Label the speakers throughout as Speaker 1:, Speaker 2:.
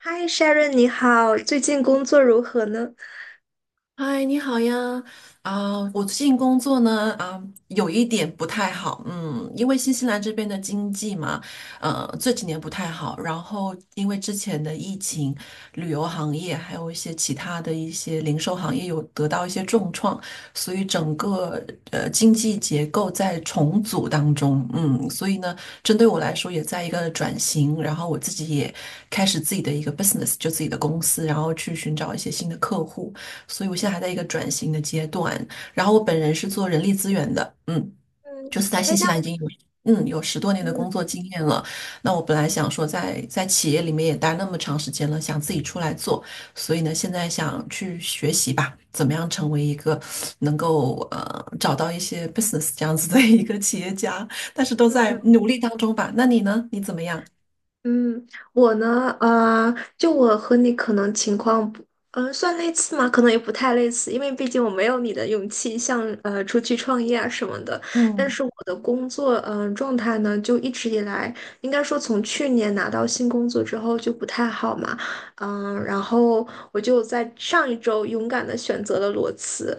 Speaker 1: 嗨，Sharon，你好，最近工作如何呢？
Speaker 2: 嗨，你好呀！我最近工作呢，有一点不太好，嗯，因为新西兰这边的经济嘛，这几年不太好，然后因为之前的疫情，旅游行业还有一些其他的一些零售行业有得到一些重创，所以整个经济结构在重组当中，嗯，所以呢，针对我来说也在一个转型，然后我自己也开始自己的一个 business，就自己的公司，然后去寻找一些新的客户。所以我现在还在一个转型的阶段。然后我本人是做人力资源的，嗯，
Speaker 1: 嗯。
Speaker 2: 就是在
Speaker 1: 哎，
Speaker 2: 新
Speaker 1: 那
Speaker 2: 西兰已
Speaker 1: 我。
Speaker 2: 经有有十多年的
Speaker 1: 嗯
Speaker 2: 工作经验了。那我本来想说在企业里面也待那么长时间了，想自己出来做，所以呢，现在想去学习吧，怎么样成为一个能够找到一些 business 这样子的一个企业家，但是都在努力当中吧。那你呢？你怎么样？
Speaker 1: 嗯。我呢，就我和你可能情况不，算类似吗？可能也不太类似，因为毕竟我没有你的勇气，像出去创业啊什么的。但
Speaker 2: 嗯，
Speaker 1: 是我的工作，状态呢，就一直以来，应该说从去年拿到新工作之后就不太好嘛。然后我就在上一周勇敢的选择了裸辞。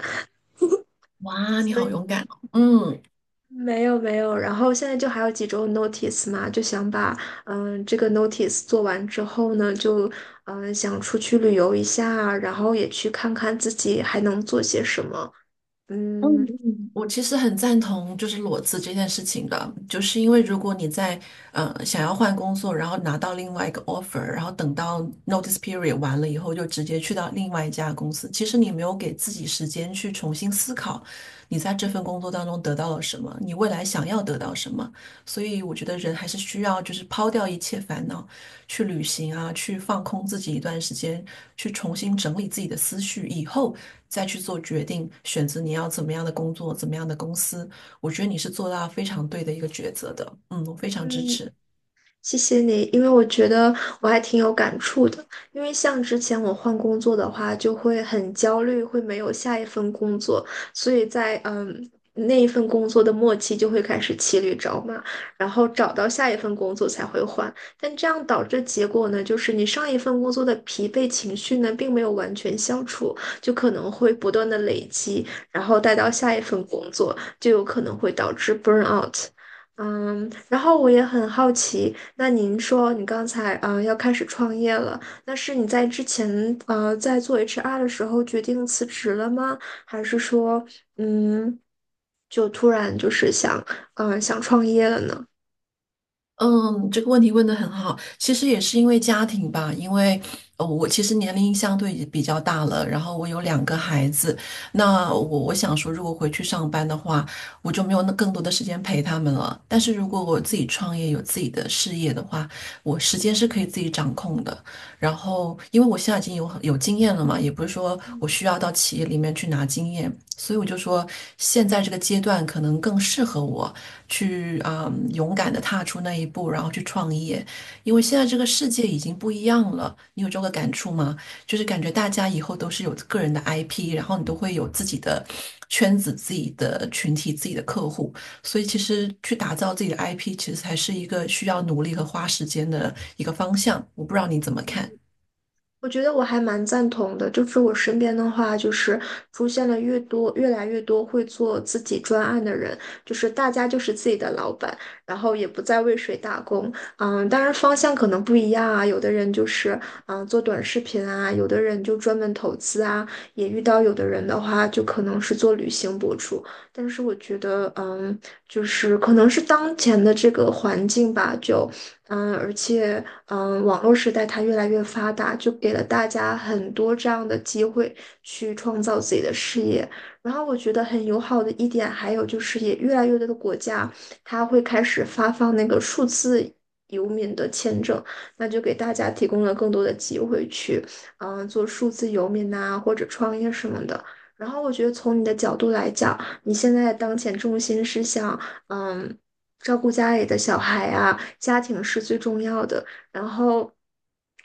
Speaker 2: 哇，你
Speaker 1: 所
Speaker 2: 好
Speaker 1: 以。
Speaker 2: 勇敢哦！嗯
Speaker 1: 没有没有，然后现在就还有几周 notice 嘛，就想把这个 notice 做完之后呢，就想出去旅游一下，然后也去看看自己还能做些什么。
Speaker 2: 嗯
Speaker 1: 嗯。
Speaker 2: 嗯，我其实很赞同就是裸辞这件事情的，就是因为如果你在想要换工作，然后拿到另外一个 offer，然后等到 notice period 完了以后，就直接去到另外一家公司，其实你没有给自己时间去重新思考你在这份工作当中得到了什么，你未来想要得到什么，所以我觉得人还是需要就是抛掉一切烦恼。去旅行啊，去放空自己一段时间，去重新整理自己的思绪，以后再去做决定，选择你要怎么样的工作，怎么样的公司。我觉得你是做到非常对的一个抉择的，嗯，我非常支
Speaker 1: 嗯，
Speaker 2: 持。
Speaker 1: 谢谢你，因为我觉得我还挺有感触的。因为像之前我换工作的话，就会很焦虑，会没有下一份工作，所以在那一份工作的末期就会开始骑驴找马，然后找到下一份工作才会换。但这样导致的结果呢，就是你上一份工作的疲惫情绪呢，并没有完全消除，就可能会不断的累积，然后带到下一份工作，就有可能会导致 burn out。嗯，然后我也很好奇，那您说你刚才啊、要开始创业了，那是你在之前在做 HR 的时候决定辞职了吗？还是说。嗯。就突然就是想想创业了呢？
Speaker 2: 嗯，这个问题问得很好。其实也是因为家庭吧，因为我其实年龄相对也比较大了，然后我有两个孩子，那我想说，如果回去上班的话，我就没有那更多的时间陪他们了。但是如果我自己创业，有自己的事业的话，我时间是可以自己掌控的。然后，因为我现在已经有经验了嘛，也不是说我需要到企业里面去拿经验，所以我就说，现在这个阶段可能更适合我去勇敢的踏出那一步，然后去创业，因为现在这个世界已经不一样了。你有这个感触吗？就是感觉大家以后都是有个人的 IP，然后你都会有自己的圈子、自己的群体、自己的客户，所以其实去打造自己的 IP，其实还是一个需要努力和花时间的一个方向。我不知道你怎么看。
Speaker 1: 我觉得我还蛮赞同的，就是我身边的话，就是出现了越多、越来越多会做自己专案的人，就是大家就是自己的老板，然后也不再为谁打工。嗯，当然方向可能不一样啊，有的人就是做短视频啊，有的人就专门投资啊，也遇到有的人的话就可能是做旅行博主。但是我觉得，就是可能是当前的这个环境吧，就。而且。网络时代它越来越发达，就给了大家很多这样的机会去创造自己的事业。然后我觉得很友好的一点，还有就是也越来越多的国家，它会开始发放那个数字游民的签证，那就给大家提供了更多的机会去，做数字游民呐、或者创业什么的。然后我觉得从你的角度来讲，你现在当前重心是想，嗯。照顾家里的小孩啊，家庭是最重要的。然后，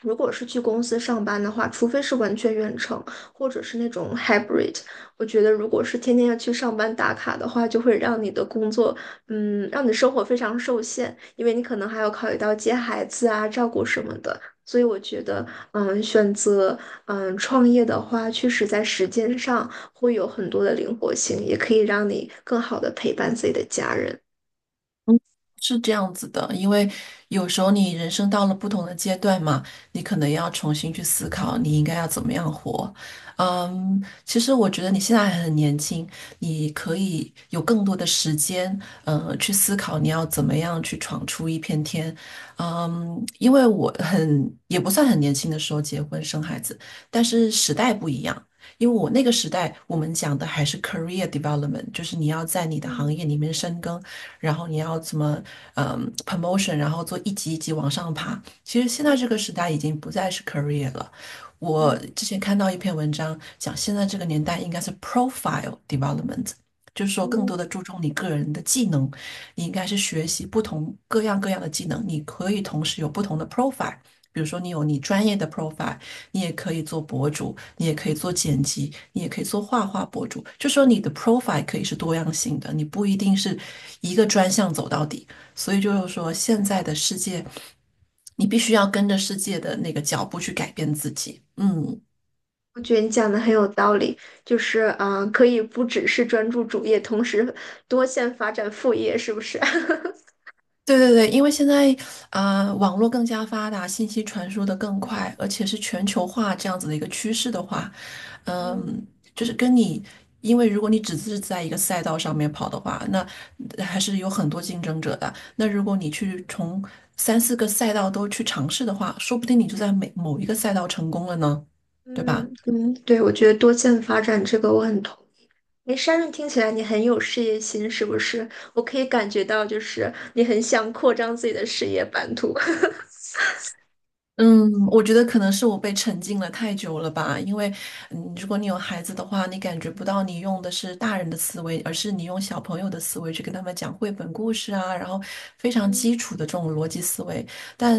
Speaker 1: 如果是去公司上班的话，除非是完全远程，或者是那种 hybrid，我觉得如果是天天要去上班打卡的话，就会让你的工作，让你生活非常受限，因为你可能还要考虑到接孩子啊、照顾什么的。所以我觉得，选择创业的话，确实在时间上会有很多的灵活性，也可以让你更好的陪伴自己的家人。
Speaker 2: 是这样子的，因为有时候你人生到了不同的阶段嘛，你可能要重新去思考你应该要怎么样活。嗯，其实我觉得你现在还很年轻，你可以有更多的时间，去思考你要怎么样去闯出一片天。嗯，因为我很，也不算很年轻的时候结婚生孩子，但是时代不一样。因为我那个时代，我们讲的还是 career development，就是你要在你的行
Speaker 1: 嗯
Speaker 2: 业里面深耕，然后你要怎么promotion，然后做一级一级往上爬。其实现在这
Speaker 1: 嗯
Speaker 2: 个时代已经不再是 career 了。我
Speaker 1: 嗯
Speaker 2: 之前看到一篇文章讲，现在这个年代应该是 profile development，就是说更多
Speaker 1: 嗯。
Speaker 2: 的注重你个人的技能，你应该是学习不同各样各样的技能，你可以同时有不同的 profile。比如说，你有你专业的 profile，你也可以做博主，你也可以做剪辑，你也可以做画画博主。就说你的 profile 可以是多样性的，你不一定是一个专项走到底。所以就是说，现在的世界，你必须要跟着世界的那个脚步去改变自己。嗯。
Speaker 1: 我觉得你讲的很有道理，就是啊、可以不只是专注主业，同时多线发展副业，是不是？
Speaker 2: 对对对，因为现在网络更加发达，信息传输的更快，而且是全球化这样子的一个趋势的话，
Speaker 1: 嗯
Speaker 2: 嗯，就是跟你，因为如果你只是在一个赛道上面跑的话，那还是有很多竞争者的。那如果你去从三四个赛道都去尝试的话，说不定你就在每某一个赛道成功了呢，对吧？
Speaker 1: 嗯嗯，对，我觉得多线发展这个我很同意。哎 s h 听起来你很有事业心，是不是？我可以感觉到，就是你很想扩张自己的事业版图。
Speaker 2: 嗯，我觉得可能是我被沉浸了太久了吧，因为，嗯，如果你有孩子的话，你感觉不到你用的是大人的思维，而是你用小朋友的思维去跟他们讲绘本故事啊，然后非 常
Speaker 1: 嗯
Speaker 2: 基础的这种逻辑思维，但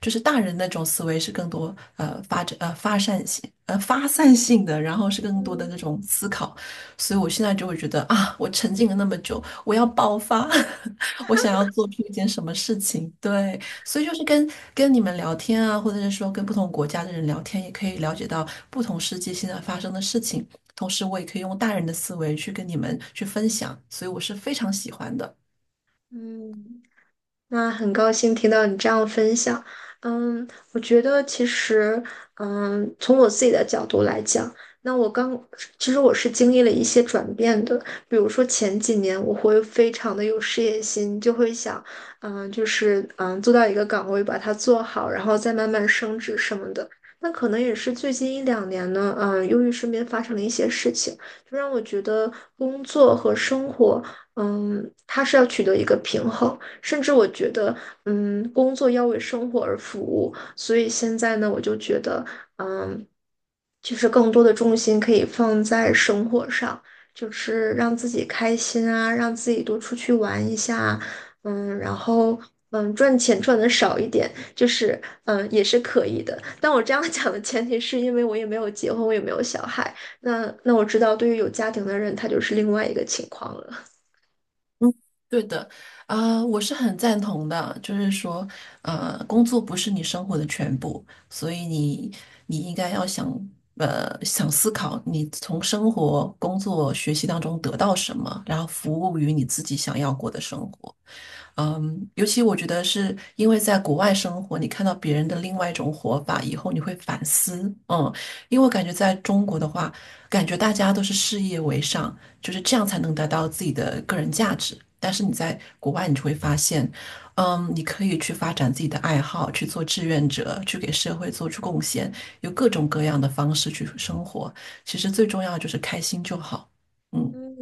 Speaker 2: 就是大人那种思维是更多发散性的，然后是更多的
Speaker 1: 嗯
Speaker 2: 那种思考，所以我现在就会觉得啊，我沉浸了那么久，我要爆发，我想要做出一件什么事情，对。所以就是跟跟你们聊天啊，或者是说跟不同国家的人聊天，也可以了解到不同世界现在发生的事情。同时，我也可以用大人的思维去跟你们去分享，所以我是非常喜欢的。
Speaker 1: 嗯。那很高兴听到你这样的分享。嗯，我觉得其实，从我自己的角度来讲，那我刚，其实我是经历了一些转变的。比如说前几年，我会非常的有事业心，就会想，就是做到一个岗位，把它做好，然后再慢慢升职什么的。那可能也是最近一两年呢，由于身边发生了一些事情，就让我觉得工作和生活，它是要取得一个平衡。甚至我觉得，工作要为生活而服务，所以现在呢，我就觉得，嗯，就是更多的重心可以放在生活上，就是让自己开心啊，让自己多出去玩一下，然后。赚钱赚的少一点，就是也是可以的。但我这样讲的前提是因为我也没有结婚，我也没有小孩。那我知道，对于有家庭的人，他就是另外一个情况了。
Speaker 2: 嗯对的，我是很赞同的，就是说，工作不是你生活的全部，所以你应该要想，想思考你从生活、工作、学习当中得到什么，然后服务于你自己想要过的生活。嗯，尤其我觉得是因为在国外生活，你看到别人的另外一种活法以后，你会反思。嗯，因为我感觉在中国的话，感觉大家都是事业为上，就是这样才
Speaker 1: 嗯
Speaker 2: 能达到自己的个人价值。但是你在国外，你就会发现，嗯，你可以去发展自己的爱好，去做志愿者，去给社会做出贡献，有各种各样的方式去生活。其实最重要的就是开心就好。嗯。
Speaker 1: 嗯，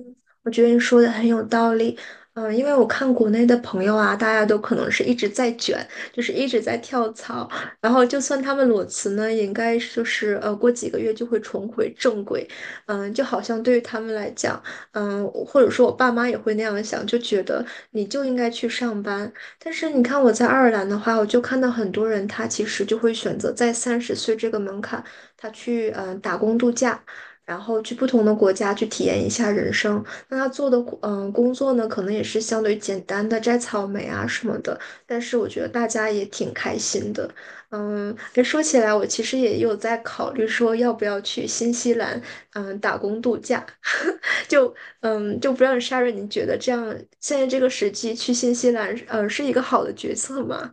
Speaker 1: 我觉得你说的很有道理。因为我看国内的朋友啊，大家都可能是一直在卷，就是一直在跳槽，然后就算他们裸辞呢，也应该是就是过几个月就会重回正轨。就好像对于他们来讲，或者说我爸妈也会那样想，就觉得你就应该去上班。但是你看我在爱尔兰的话，我就看到很多人他其实就会选择在30岁这个门槛，他去打工度假。然后去不同的国家去体验一下人生。那他做的工作呢，可能也是相对简单的摘草莓啊什么的，但是我觉得大家也挺开心的。诶说起来，我其实也有在考虑说要不要去新西兰，打工度假。就就不让道 s h a r o 你觉得这样现在这个时机去新西兰，是一个好的决策吗？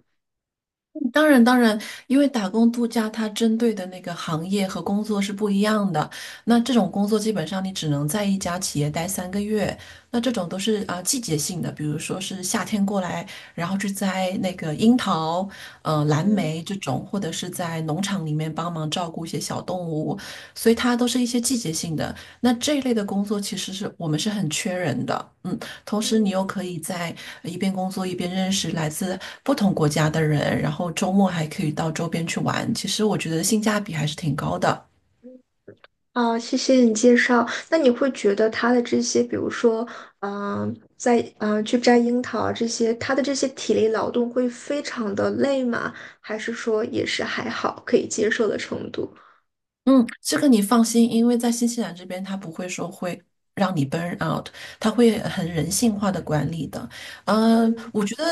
Speaker 2: 当然，当然，因为打工度假它针对的那个行业和工作是不一样的。那这种工作基本上你只能在一家企业待三个月。那这种都是季节性的，比如说是夏天过来，然后去摘那个樱桃、蓝
Speaker 1: 嗯
Speaker 2: 莓这种，或者是在农场里面帮忙照顾一些小动物，所以它都是一些季节性的。那这一类的工作其实是我们是很缺人的，嗯。同时你又
Speaker 1: 嗯
Speaker 2: 可以在一边工作一边认识来自不同国家的人，然后周末还可以到周边去玩。其实我觉得性价比还是挺高的。
Speaker 1: 嗯。哦，谢谢你介绍。那你会觉得他的这些，比如说，在去摘樱桃啊这些，他的这些体力劳动会非常的累吗？还是说也是还好可以接受的程度？
Speaker 2: 嗯，这个你放心，因为在新西兰这边，他不会说会让你 burn out，他会很人性化的管理的。嗯，
Speaker 1: 嗯
Speaker 2: 我觉得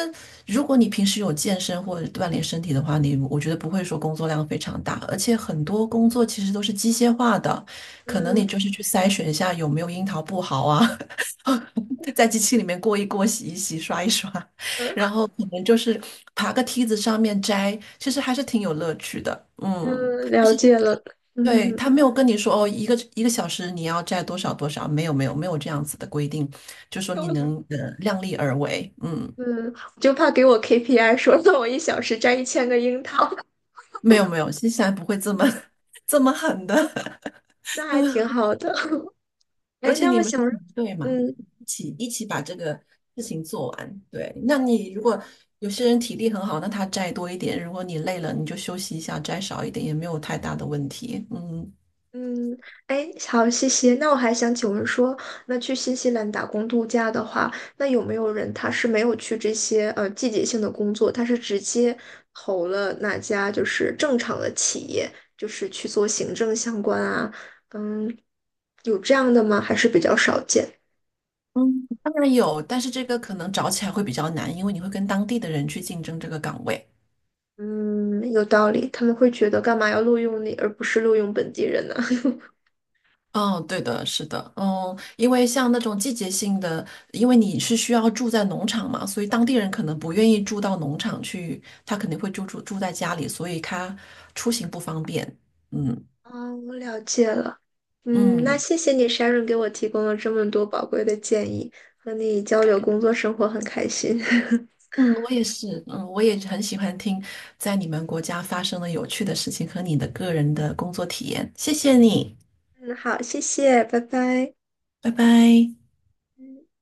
Speaker 2: 如果你平时有健身或者锻炼身体的话，你我觉得不会说工作量非常大，而且很多工作其实都是机械化的，可能
Speaker 1: 嗯。
Speaker 2: 你就是去筛选一下有没有樱桃不好啊，在机器里面过一过、洗一洗、刷一刷，
Speaker 1: 呃
Speaker 2: 然后可能就是爬个梯子上面摘，其实还是挺有乐趣的。嗯。
Speaker 1: 嗯，了解了。
Speaker 2: 对，
Speaker 1: 嗯
Speaker 2: 他没有跟你说哦，一个一个小时你要摘多少多少，没有没有没有这样子的规定，就说你能 量力而为，嗯，
Speaker 1: 嗯，我就怕给我 KPI 说让我1小时摘1000个樱桃，
Speaker 2: 没有没有，新西兰不会这么 这么狠的，
Speaker 1: 那还挺好的。
Speaker 2: 而
Speaker 1: 哎，
Speaker 2: 且
Speaker 1: 那
Speaker 2: 你
Speaker 1: 我
Speaker 2: 们是
Speaker 1: 想，
Speaker 2: 团队嘛，
Speaker 1: 嗯，
Speaker 2: 一起一起把这个事情做完。对，那你如果有些人体力很好，那他摘多一点；如果你累了，你就休息一下，摘少一点也没有太大的问题，嗯。
Speaker 1: 嗯，哎，好，谢谢。那我还想请问说，那去新西兰打工度假的话，那有没有人他是没有去这些季节性的工作，他是直接投了哪家就是正常的企业，就是去做行政相关啊？嗯，有这样的吗？还是比较少见。
Speaker 2: 嗯，当然有，但是这个可能找起来会比较难，因为你会跟当地的人去竞争这个岗位。
Speaker 1: 嗯，有道理，他们会觉得干嘛要录用你，而不是录用本地人呢？
Speaker 2: 嗯，对的，是的，嗯，因为像那种季节性的，因为你是需要住在农场嘛，所以当地人可能不愿意住到农场去，他肯定会住在家里，所以他出行不方便。嗯
Speaker 1: 哦，我了解了。嗯，那
Speaker 2: 嗯
Speaker 1: 谢谢你，Sharon 给我提供了这么多宝贵的建议，和你交流工作生活很开心。
Speaker 2: 嗯，我也是，嗯，我也很喜欢听在你们国家发生的有趣的事情和你的个人的工作体验。谢谢你，
Speaker 1: 嗯，好，谢谢，拜拜。
Speaker 2: 拜拜。
Speaker 1: 嗯